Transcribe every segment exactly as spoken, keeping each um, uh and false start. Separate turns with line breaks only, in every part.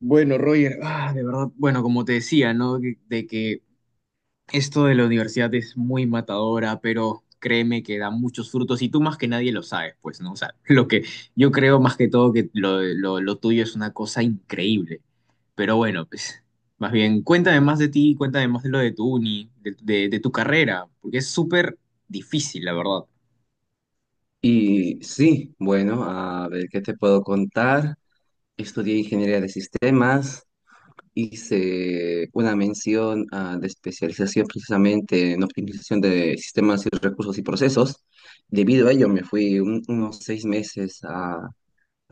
Bueno, Roger, ah, de verdad, bueno, como te decía, ¿no? De, de que esto de la universidad es muy matadora, pero créeme que da muchos frutos y tú más que nadie lo sabes, pues, ¿no? O sea, lo que yo creo más que todo que lo, lo, lo tuyo es una cosa increíble, pero bueno, pues, más bien, cuéntame más de ti, cuéntame más de lo de tu uni, de, de, de tu carrera, porque es súper difícil, la verdad. Es
Y sí, bueno, a ver qué te puedo contar. Estudié ingeniería de sistemas, hice una mención ah, de especialización precisamente en optimización de sistemas y recursos y procesos. Debido a ello, me fui un- unos seis meses a, a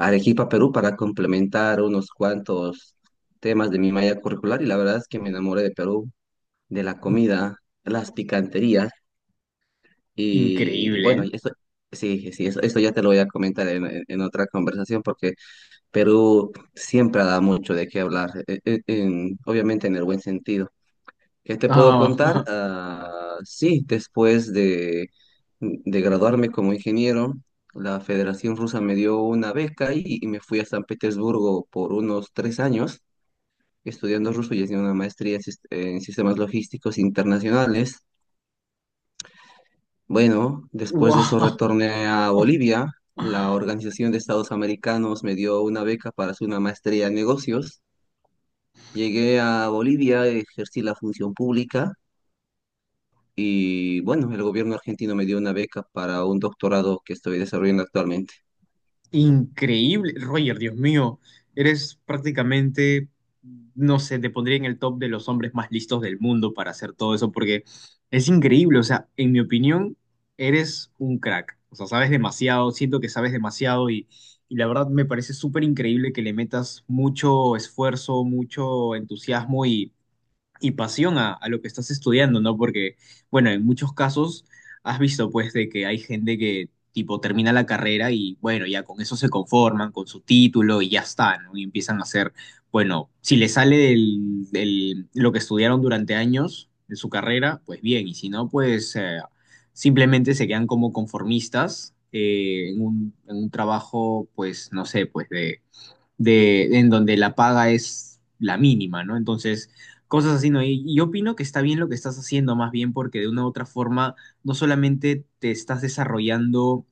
Arequipa, Perú, para complementar unos cuantos temas de mi malla curricular y la verdad es que me enamoré de Perú, de la comida, las picanterías. Y, y
increíble,
bueno,
¿eh?
y esto, sí, sí, eso, esto ya te lo voy a comentar en, en- en otra conversación porque Perú siempre da mucho de qué hablar, e- e- en- obviamente en el buen sentido. ¿Qué te puedo
Ah,
contar? Ah, sí, después de, de graduarme como ingeniero, la Federación Rusa me dio una beca y, y me fui a San Petersburgo por unos tres años estudiando ruso y haciendo una maestría en sis- en sistemas logísticos internacionales. Bueno, después de eso
wow.
retorné a Bolivia. La Organización de Estados Americanos me dio una beca para hacer una maestría en negocios. Llegué a Bolivia, ejercí la función pública y bueno, el gobierno argentino me dio una beca para un doctorado que estoy desarrollando actualmente.
Increíble, Roger, Dios mío, eres prácticamente, no sé, te pondría en el top de los hombres más listos del mundo para hacer todo eso, porque es increíble, o sea, en mi opinión, eres un crack, o sea, sabes demasiado, siento que sabes demasiado y, y la verdad me parece súper increíble que le metas mucho esfuerzo, mucho entusiasmo y pasión a, a lo que estás estudiando, ¿no? Porque, bueno, en muchos casos has visto, pues, de que hay gente que, tipo, termina la carrera y, bueno, ya con eso se conforman, con su título y ya está, ¿no? Y empiezan a hacer, bueno, si les sale del, del- lo que estudiaron durante años de su carrera, pues bien, y si no, pues eh, simplemente se quedan como conformistas eh, en un, en un trabajo, pues, no sé, pues de de, en donde la paga es la mínima, ¿no? Entonces, cosas así, ¿no? Y, y yo opino que está bien lo que estás haciendo, más bien porque de una u otra forma no solamente te estás desarrollando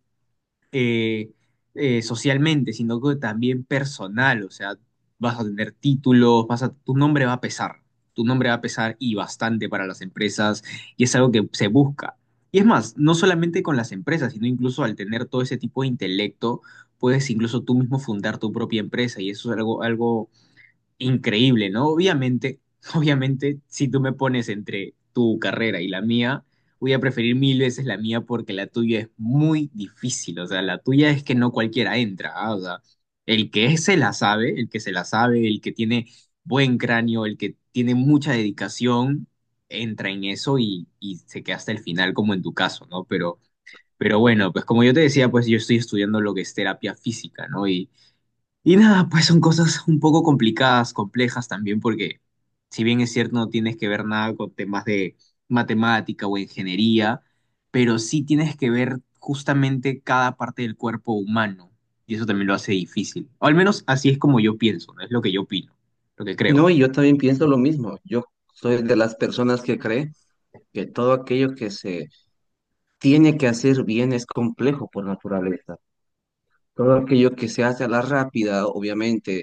eh, eh, socialmente, sino que también personal. O sea, vas a tener títulos, vas a, tu nombre va a pesar. Tu nombre va a pesar y bastante para las empresas y es algo que se busca. Y es más, no solamente con las empresas, sino incluso al tener todo ese tipo de intelecto, puedes incluso tú mismo fundar tu propia empresa y eso es algo, algo increíble, ¿no? Obviamente, obviamente, si tú me pones entre tu carrera y la mía, voy a preferir mil veces la mía porque la tuya es muy difícil, o sea, la tuya es que no cualquiera entra, ¿ah? O sea, el que se la sabe, el que se la sabe, el que tiene buen cráneo, el que tiene mucha dedicación, entra en eso y, y se queda hasta el final, como en tu caso, ¿no? Pero, pero bueno, pues como yo te decía, pues yo estoy estudiando lo que es terapia física, ¿no? Y y nada, pues son cosas un poco complicadas, complejas también, porque si bien es cierto no tienes que ver nada con temas de matemática o ingeniería, pero sí tienes que ver justamente cada parte del cuerpo humano, y eso también lo hace difícil. O al menos así es como yo pienso, ¿no? Es lo que yo opino, lo que creo.
No, y yo también pienso lo mismo. Yo soy de las personas que cree que todo aquello que se tiene que hacer bien es complejo por naturaleza. Todo aquello que se hace a la rápida, obviamente,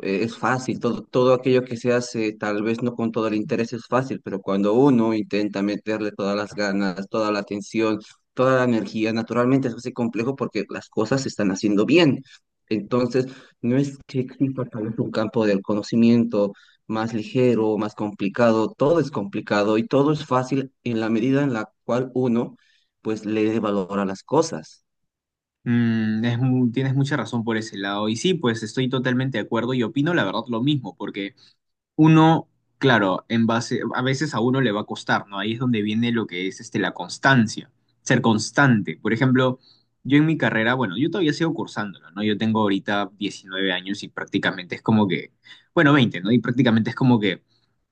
eh, es fácil. Todo, todo aquello que se hace, tal vez no con todo el interés, es fácil, pero cuando uno intenta meterle todas las ganas, toda la atención, toda la energía, naturalmente se hace complejo porque las cosas se están haciendo bien. Entonces, no es que exista tal vez un campo del conocimiento más ligero, más complicado, todo es complicado y todo es fácil en la medida en la cual uno, pues, le dé valor a las cosas.
Mm, es mu- tienes mucha razón por ese lado, y sí, pues estoy totalmente de acuerdo y opino la verdad lo mismo, porque uno, claro, en base, a veces a uno le va a costar, ¿no? Ahí es donde viene lo que es este, la constancia, ser constante. Por ejemplo, yo en mi carrera, bueno, yo todavía sigo cursándolo, ¿no? Yo tengo ahorita diecinueve años y prácticamente es como que, bueno, veinte, ¿no? Y prácticamente es como que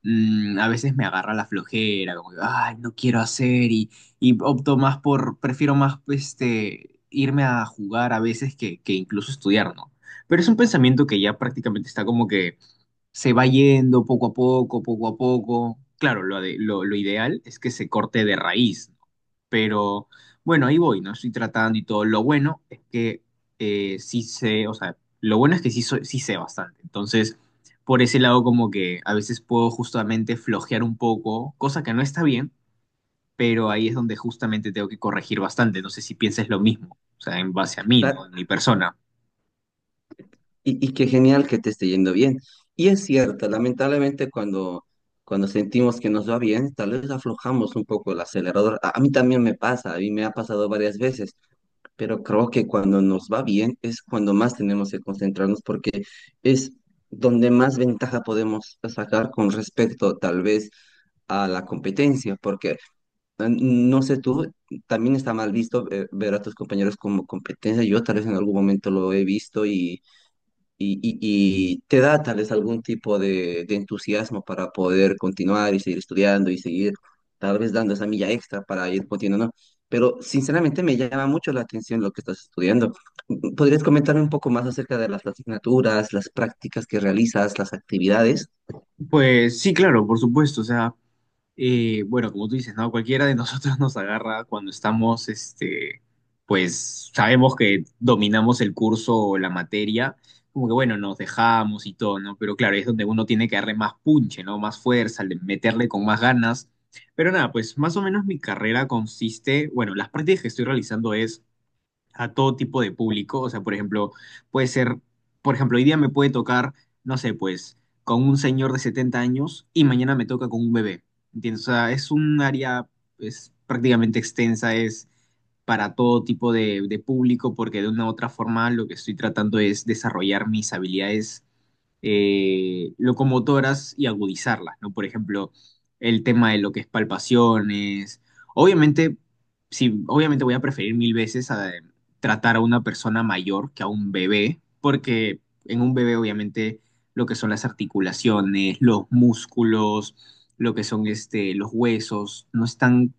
mm, a veces me agarra la flojera, como que, ay, no quiero hacer y, y opto más por, prefiero más, este, irme a jugar a veces que, que incluso estudiar, ¿no? Pero es un pensamiento que ya prácticamente está como que se va yendo poco a poco, poco a poco. Claro, lo, de- lo, lo ideal es que se corte de raíz, ¿no? Pero bueno, ahí voy, ¿no? Estoy tratando y todo. Lo bueno es que eh, sí sé, o sea, lo bueno es que sí, soy- sí sé bastante. Entonces, por ese lado como que a veces puedo justamente flojear un poco, cosa que no está bien, pero ahí es donde justamente tengo que corregir bastante. No sé si piensas lo mismo, o sea, en base a mí, ¿no?
Cla-
En mi persona.
Y, y qué genial que te esté yendo bien. Y es cierto, lamentablemente cuando, cuando sentimos que nos va bien, tal vez aflojamos un poco el acelerador. A, a mí también me pasa, a mí me ha pasado varias veces, pero creo que cuando nos va bien es cuando más tenemos que concentrarnos porque es donde más ventaja podemos sacar con respecto tal vez a la competencia, porque eh, no sé tú, también está mal visto eh, ver a tus compañeros como competencia. Yo tal vez en algún momento lo he visto y y, y- y te da tal vez algún tipo de, de entusiasmo para poder continuar y seguir estudiando y seguir tal vez dando esa milla extra para ir continuando. Pero sinceramente me llama mucho la atención lo que estás estudiando. ¿Podrías comentarme un poco más acerca de las asignaturas, las prácticas que realizas, las actividades?
Pues sí, claro, por supuesto. O sea, eh, bueno, como tú dices, ¿no? Cualquiera de nosotros nos agarra cuando estamos, este, pues sabemos que dominamos el curso o la materia, como que bueno, nos dejamos y todo, ¿no? Pero claro, es donde uno tiene que darle más punche, ¿no? Más fuerza, le- meterle con más ganas. Pero nada, pues más o menos mi carrera consiste, bueno, las prácticas que estoy realizando es a todo tipo de público. O sea, por ejemplo, puede ser, por ejemplo, hoy día me puede tocar, no sé, pues, con un señor de setenta años y mañana me toca con un bebé. ¿Entiendes? O sea, es un área, es prácticamente extensa, es para todo tipo de, de público, porque de una u otra forma lo que estoy tratando es desarrollar mis habilidades eh, locomotoras y agudizarlas, ¿no? Por ejemplo, el tema de lo que es palpaciones. Obviamente, sí, obviamente voy a preferir mil veces a tratar a una persona mayor que a un bebé, porque en un bebé obviamente lo que son las articulaciones, los músculos, lo que son este, los huesos, no están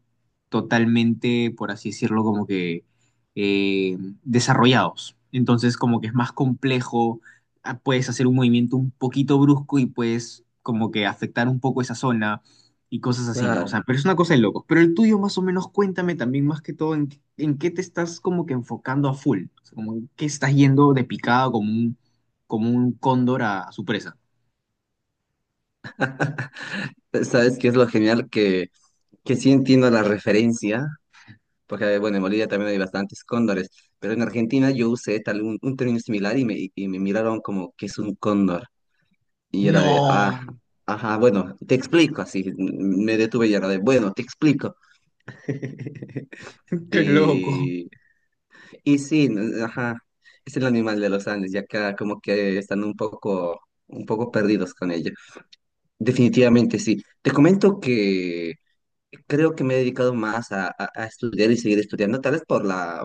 totalmente, por así decirlo, como que eh, desarrollados. Entonces, como que es más complejo, ah, puedes hacer un movimiento un poquito brusco y puedes como que afectar un poco esa zona y cosas así, ¿no? O
Claro,
sea, pero es una cosa de locos. Pero el tuyo más o menos cuéntame también más que todo en, qué- en qué te estás como que enfocando a full, o sea, como en qué estás yendo de picada como un, como un cóndor a, a su presa.
sabes que es lo genial que, que sí entiendo la referencia, porque bueno, en Bolivia también hay bastantes cóndores, pero en Argentina yo usé tal un, un término similar y me, y me miraron como que es un cóndor. Y era de,
No,
ajá, ajá, bueno, te explico, así me detuve y era de, bueno, te explico.
qué loco.
Y, y sí, n- ajá, es el animal de los Andes, ya acá como que están un poco, un poco perdidos con ello. Definitivamente sí. Te comento que creo que me he dedicado más a, a- a estudiar y seguir estudiando, tal vez por la,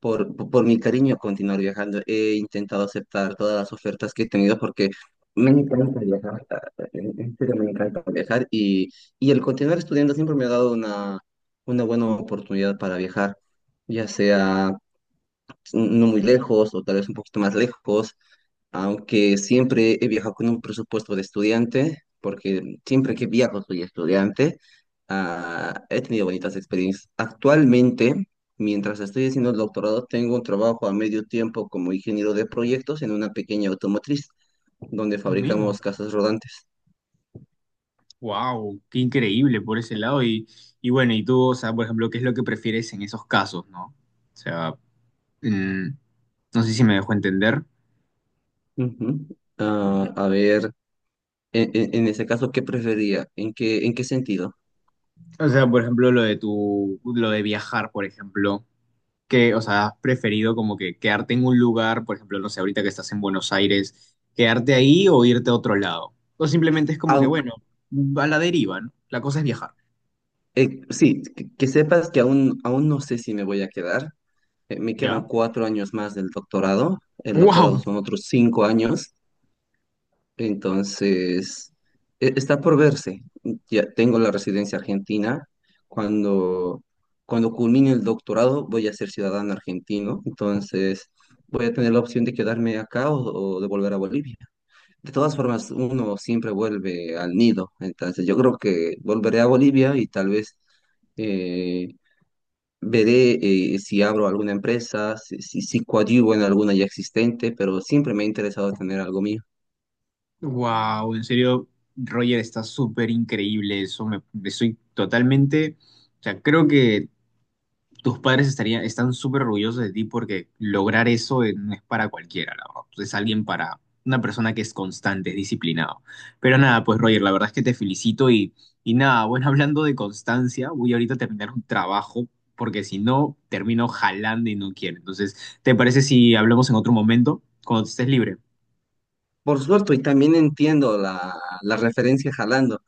por, por, por mi cariño a continuar viajando, he intentado aceptar todas las ofertas que he tenido porque me encanta viajar, en en serio me encanta viajar y, y el continuar estudiando siempre me ha dado una, una buena oportunidad para viajar, ya sea no muy lejos o tal vez un poquito más lejos, aunque siempre he viajado con un presupuesto de estudiante, porque siempre que viajo soy estudiante, ah, he tenido bonitas experiencias. Actualmente, mientras estoy haciendo el doctorado, tengo un trabajo a medio tiempo como ingeniero de proyectos en una pequeña automotriz donde
Ah, mira.
fabricamos casas rodantes.
Wow, qué increíble por ese lado. Y, y bueno, y tú, o sea, por ejemplo, ¿qué es lo que prefieres en esos casos, no? O sea, mm, no sé si me dejo entender.
Ujú. Ah, a ver, en, en- en ese caso, ¿qué prefería? ¿En qué, en qué sentido?
O sea, por ejemplo, lo de tu, lo de viajar, por ejemplo, que, o sea, has preferido como que quedarte en un lugar, por ejemplo, no sé, ahorita que estás en Buenos Aires, quedarte ahí o irte a otro lado. O simplemente es como que,
Aun-
bueno, a la deriva, ¿no? La cosa es viajar,
eh, sí, que, que sepas que aún, aún no sé si me voy a quedar. Eh, Me
¿ya?
quedan cuatro años más del doctorado. El doctorado
¡Wow!
son otros cinco años. Entonces, e- está por verse. Ya tengo la residencia argentina. Cuando, cuando culmine el doctorado, voy a ser ciudadano argentino. Entonces, voy a tener la opción de quedarme acá o, o de volver a Bolivia. De todas formas, uno siempre vuelve al nido. Entonces, yo creo que volveré a Bolivia y tal vez eh, veré eh, si abro alguna empresa, si, si, si coadyuvo en alguna ya existente, pero siempre me ha interesado tener algo mío.
¡Wow! En serio, Roger, está súper increíble eso. Me, me soy totalmente, o sea, creo que tus padres estarían, están súper orgullosos de ti porque lograr eso, eh, no es para cualquiera, la verdad. Es alguien para una persona que es constante, es disciplinado. Pero nada, pues Roger, la verdad es que te felicito y, y nada, bueno, hablando de constancia, voy ahorita a terminar un trabajo porque si no, termino jalando y no quiero. Entonces, ¿te parece si hablamos en otro momento, cuando estés libre?
Por suerte, y también entiendo la, la referencia jalando.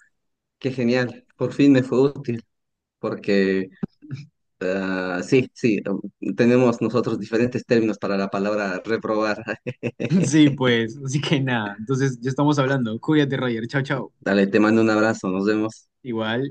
Qué genial, por fin me fue útil, porque ah, sí, sí, um, tenemos nosotros diferentes términos para la palabra reprobar.
Sí, pues, así que nada, entonces ya estamos hablando. Cuídate, Roger, chao, chao.
Dale, te mando un abrazo, nos vemos.
Igual.